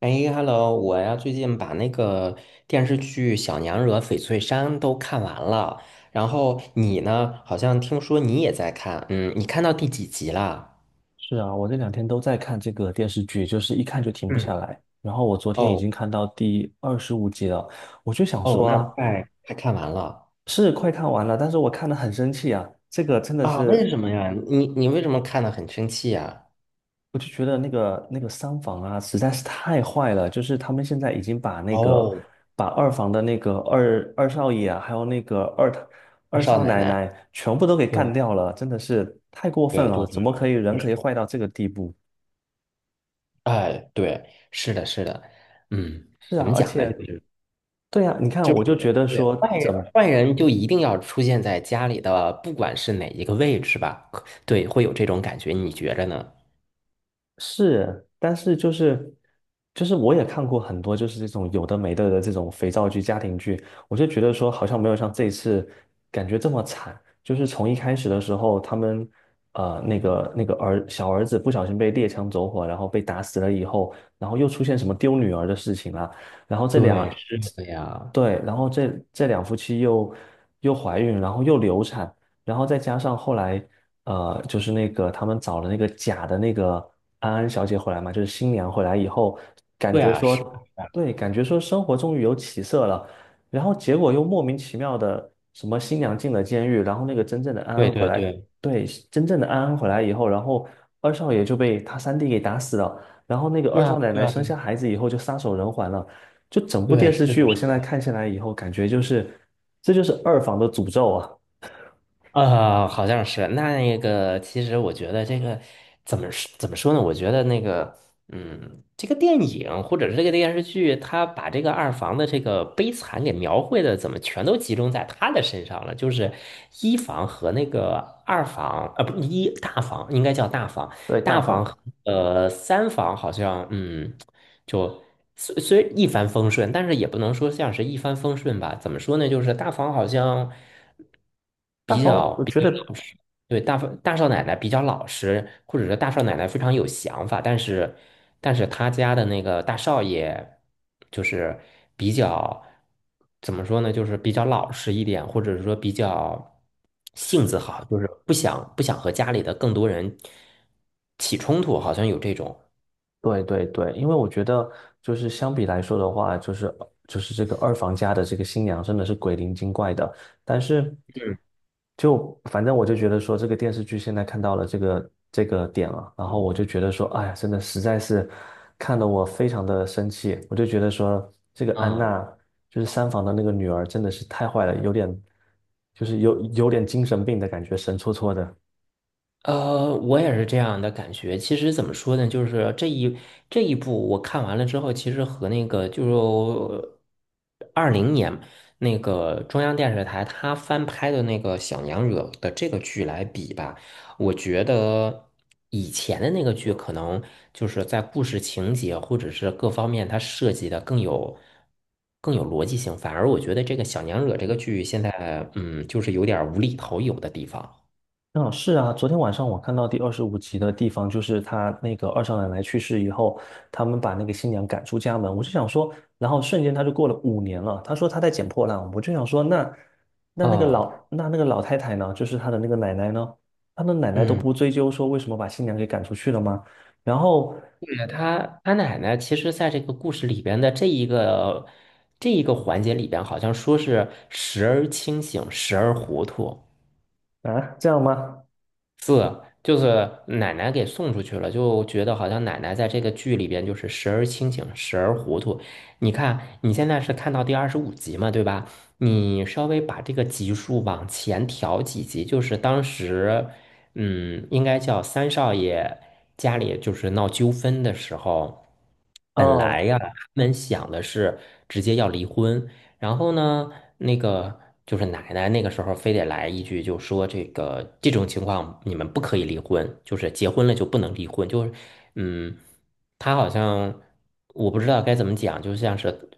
哎，Hello，我呀最近把那个电视剧《小娘惹翡翠山》都看完了，然后你呢？好像听说你也在看，嗯，你看到第几集啦？是啊，我这两天都在看这个电视剧，就是一看就停不下嗯，来。然后我昨天已哦经看到第二十五集了，我就想哦，说那啊，快快看完了是快看完了，但是我看得很生气啊。这个真的啊？为是，什么呀？你为什么看的很生气呀？我就觉得那个三房啊，实在是太坏了。就是他们现在已经哦，把二房的那个二少爷啊，还有那个二二二少少奶奶奶，奶全部都给干对掉了，真的是太过分对对了。对，怎么可以人就是，可以坏到这个地步？哎，对，是的，是的，嗯，是怎啊，么而讲呢？就且。是。对呀，你看，我就觉得对，说，坏人坏人就一定要出现在家里的，不管是哪一个位置吧，可对，会有这种感觉，你觉着呢？是，但是就是我也看过很多就是这种有的没的的这种肥皂剧、家庭剧，我就觉得说好像没有像这一次感觉这么惨。就是从一开始的时候，他们呃那个那个儿小儿子不小心被猎枪走火，然后被打死了以后，然后又出现什么丢女儿的事情啦，然后对，是的呀，对，然后这两夫妻又怀孕，然后又流产，然后再加上后来。就是那个他们找了那个假的那个安安小姐回来嘛，就是新娘回来以后，感对觉啊，是的，说，对，感觉说生活终于有起色了，然后结果又莫名其妙的什么新娘进了监狱，然后那个真正的安对安回对来，对，对，真正的安安回来以后，然后二少爷就被他三弟给打死了，然后那个二对啊，少奶对奶啊，生对，下孩子以后就撒手人寰了，就整部电对，视是剧的。我现在看下来以后，感觉就是这就是二房的诅咒啊，好像是那个，其实我觉得这个怎么说呢？我觉得那个，嗯，这个电影或者是这个电视剧，他把这个二房的这个悲惨给描绘的，怎么全都集中在他的身上了？就是一房和那个二房，不，一大房应该叫大房，对，大大房房。和三房好像，嗯。就虽一帆风顺，但是也不能说像是一帆风顺吧。怎么说呢？就是大房好像大比房，较我比觉较老得实，对，大房大少奶奶比较老实，或者说大少奶奶非常有想法，但是他家的那个大少爷就是比较怎么说呢？就是比较老实一点，或者是说比较性子好，就是不想和家里的更多人起冲突，好像有这种。对对对，因为我觉得就是相比来说的话，就是这个二房家的这个新娘真的是鬼灵精怪的，但是嗯。就反正我就觉得说这个电视剧现在看到了这个点了，然后我就觉得说，哎呀，真的实在是看得我非常的生气，我就觉得说这个安啊。娜就是三房的那个女儿真的是太坏了，有点就是有有点精神病的感觉，神戳戳的。我也是这样的感觉。其实怎么说呢，就是这一部我看完了之后，其实和那个就是20年那个中央电视台他翻拍的那个《小娘惹》的这个剧来比吧，我觉得以前的那个剧可能就是在故事情节或者是各方面它设计的更有逻辑性，反而我觉得这个《小娘惹》这个剧现在嗯，就是有点儿无厘头有的地方。嗯，是啊，昨天晚上我看到第二十五集的地方，就是他那个二少奶奶去世以后，他们把那个新娘赶出家门。我就想说，然后瞬间他就过了5年了。他说他在捡破烂，我就想说，那那那个哦。老那那个老太太呢，就是他的那个奶奶呢，他的奶奶都嗯。不追究说为什么把新娘给赶出去了吗？然后对他奶奶其实在这个故事里边的这一个环节里边，好像说是时而清醒，时而糊涂。啊，这样吗？就是奶奶给送出去了，就觉得好像奶奶在这个剧里边就是时而清醒，时而糊涂。你看，你现在是看到第25集嘛，对吧？你稍微把这个集数往前调几集，就是当时，嗯，应该叫三少爷家里就是闹纠纷的时候，本哦，来呀，他们想的是直接要离婚，然后呢，那个就是奶奶那个时候非得来一句，就说这个这种情况你们不可以离婚，就是结婚了就不能离婚，就是嗯，她好像我不知道该怎么讲，就像是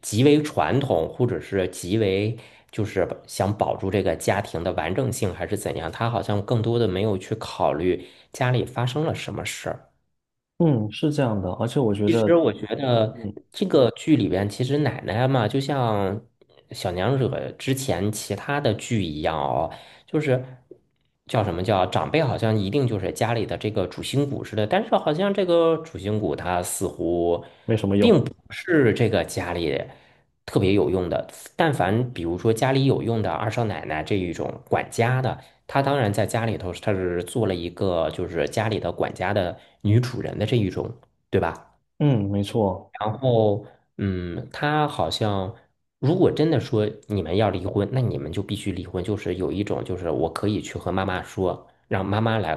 极为传统，或者是极为就是想保住这个家庭的完整性，还是怎样，她好像更多的没有去考虑家里发生了什么事儿。嗯，是这样的，而且我觉得觉得嗯这个剧里边，其实奶奶嘛，就像小娘惹之前其他的剧一样哦，就是叫什么叫长辈，好像一定就是家里的这个主心骨似的，但是好像这个主心骨他似乎没什么并用，不是这个家里特别有用的。但凡比如说家里有用的二少奶奶这一种管家的。她当然在家里头，她是做了一个就是家里的管家的女主人的这一种，对吧？嗯，没错。然后，嗯，他好像，如果真的说你们要离婚，那你们就必须离婚。就是有一种，就是我可以去和妈妈说，让妈妈来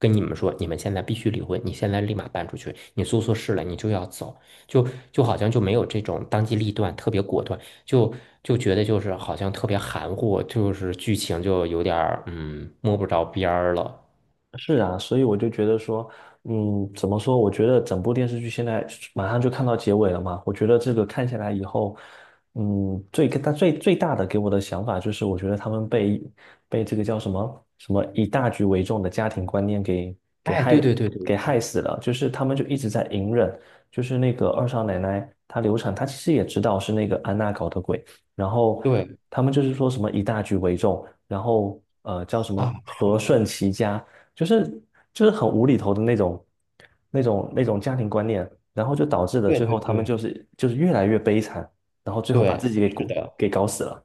跟你们说，你们现在必须离婚，你现在立马搬出去，你做错事了，你就要走。就好像就没有这种当机立断、特别果断，就就觉得就是好像特别含糊，就是剧情就有点儿摸不着边儿了。是啊，所以我就觉得说，怎么说？我觉得整部电视剧现在马上就看到结尾了嘛。我觉得这个看下来以后，最大最最大的给我的想法就是，我觉得他们被这个叫什么以大局为重的家庭观念给给哎，对害对对对害死了。就是他们就一直在隐忍，就是那个二少奶奶她流产，她其实也知道是那个安娜搞的鬼，然后对他们就是说什么以大局为重，然后叫什啊，么是和的，顺齐家。就是就是很无厘头的那种家庭观念，然后就导致了对最对后他们对就是越来越悲惨，然后最后把对，自己给是的。搞死了，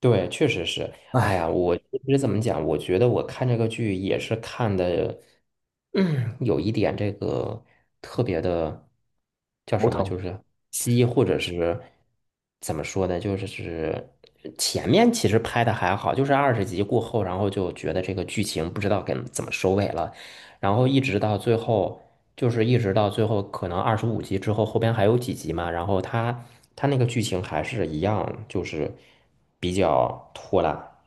对，确实是。哎唉，呀，我怎么讲？我觉得我看这个剧也是看的，嗯，有一点这个特别的叫头什么，疼。就是鸡，或者是怎么说呢？就是前面其实拍的还好，就是20集过后，然后就觉得这个剧情不知道该怎么收尾了，然后一直到最后，可能二十五集之后，后边还有几集嘛，然后他那个剧情还是一样，就是比较拖拉。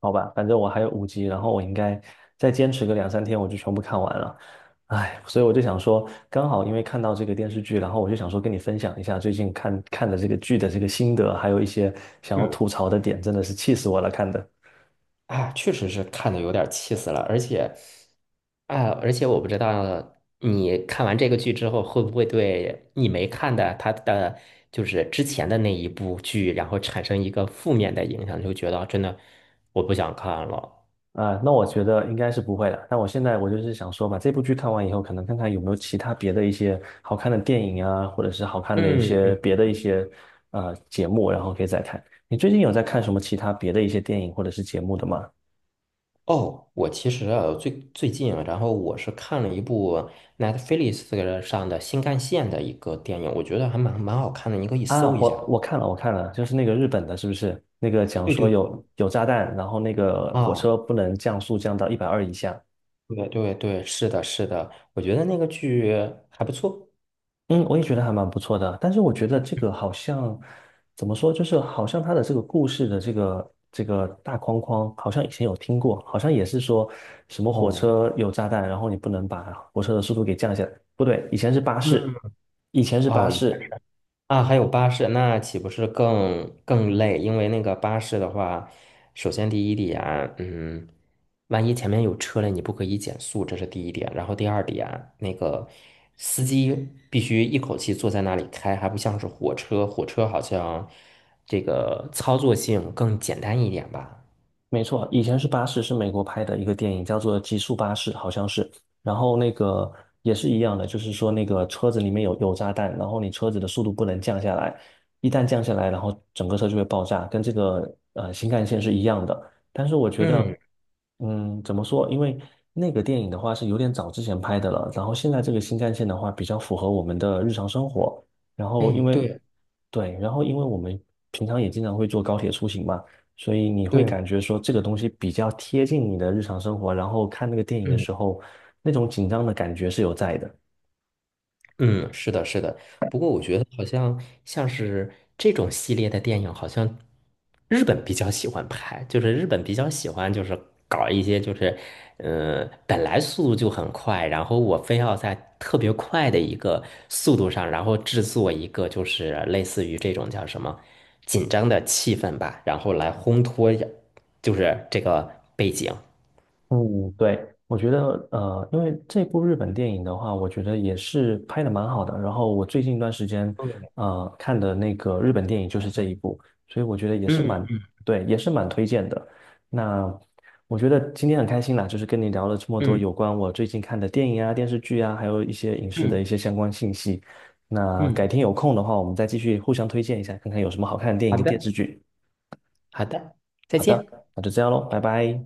好吧，反正我还有五集，然后我应该再坚持个两三天，我就全部看完了。唉，所以我就想说，刚好因为看到这个电视剧，然后我就想说跟你分享一下最近看看的这个剧的这个心得，还有一些想要嗯，吐槽的点，真的是气死我了，看的。啊，确实是看的有点气死了，而且，啊，而且我不知道你看完这个剧之后，会不会对你没看的他的就是之前的那一部剧，然后产生一个负面的影响，就觉得真的我不想看了。啊，那我觉得应该是不会的。但我现在就是想说，把这部剧看完以后，可能看看有没有其他别的一些好看的电影啊，或者是好看的一嗯些嗯别的一些节目，然后可以再看。你最近有在看什么其他别的一些电影或者是节目的吗？哦，我其实啊，最近啊，然后我是看了一部 Netflix 上的新干线的一个电影，我觉得还蛮好看的，你可以搜啊，一我下。我看了，我看了，就是那个日本的，是不是？那个讲对说对对，有炸弹，然后那个火啊，车不能降速降到120以下。对对对，是的，是的，我觉得那个剧还不错。嗯，我也觉得还蛮不错的，但是我觉得这个好像怎么说，就是好像他的这个故事的这个大框框，好像以前有听过，好像也是说什么火哦车有炸弹，然后你不能把火车的速度给降下来，不对，以前是巴士，嗯，以前是巴哦，士，啊，还有巴士，那岂不是更累？因为那个巴士的话，首先第一点，嗯，万一前面有车了，你不可以减速，这是第一点。然后第二点，那个司机必须一口气坐在那里开，还不像是火车，火车好像这个操作性更简单一点吧。没错，以前是巴士，是美国拍的一个电影，叫做《极速巴士》，好像是。然后那个也是一样的，就是说那个车子里面有炸弹，然后你车子的速度不能降下来，一旦降下来，然后整个车就会爆炸，跟这个新干线是一样的。但是我觉嗯，得，怎么说？因为那个电影的话是有点早之前拍的了，然后现在这个新干线的话比较符合我们的日常生活。然后哎，对对，然后因为我们平常也经常会坐高铁出行嘛。所以你会对，感觉说这个东西比较贴近你的日常生活，然后看那个电影的嗯。时候，那种紧张的感觉是有在的。嗯，是的，是的。不过我觉得好像像是这种系列的电影，好像日本比较喜欢拍，就是日本比较喜欢就是搞一些就是，本来速度就很快，然后我非要在特别快的一个速度上，然后制作一个就是类似于这种叫什么紧张的气氛吧，然后来烘托一下就是这个背景。嗯，对，我觉得，因为这部日本电影的话，我觉得也是拍的蛮好的。然后我最近一段时间，对看的那个日本电影就是这一部，所以我觉得也是嗯对，也是蛮推荐的。那我觉得今天很开心啦，就是跟你聊了这么多嗯有关我最近看的电影啊、电视剧啊，还有一些影视的一嗯些相关信息。那改嗯，天有空的话，我们再继续互相推荐一下，看看有什么好看的电影好跟电的视剧。好的，再好的，见。那就这样喽，拜拜。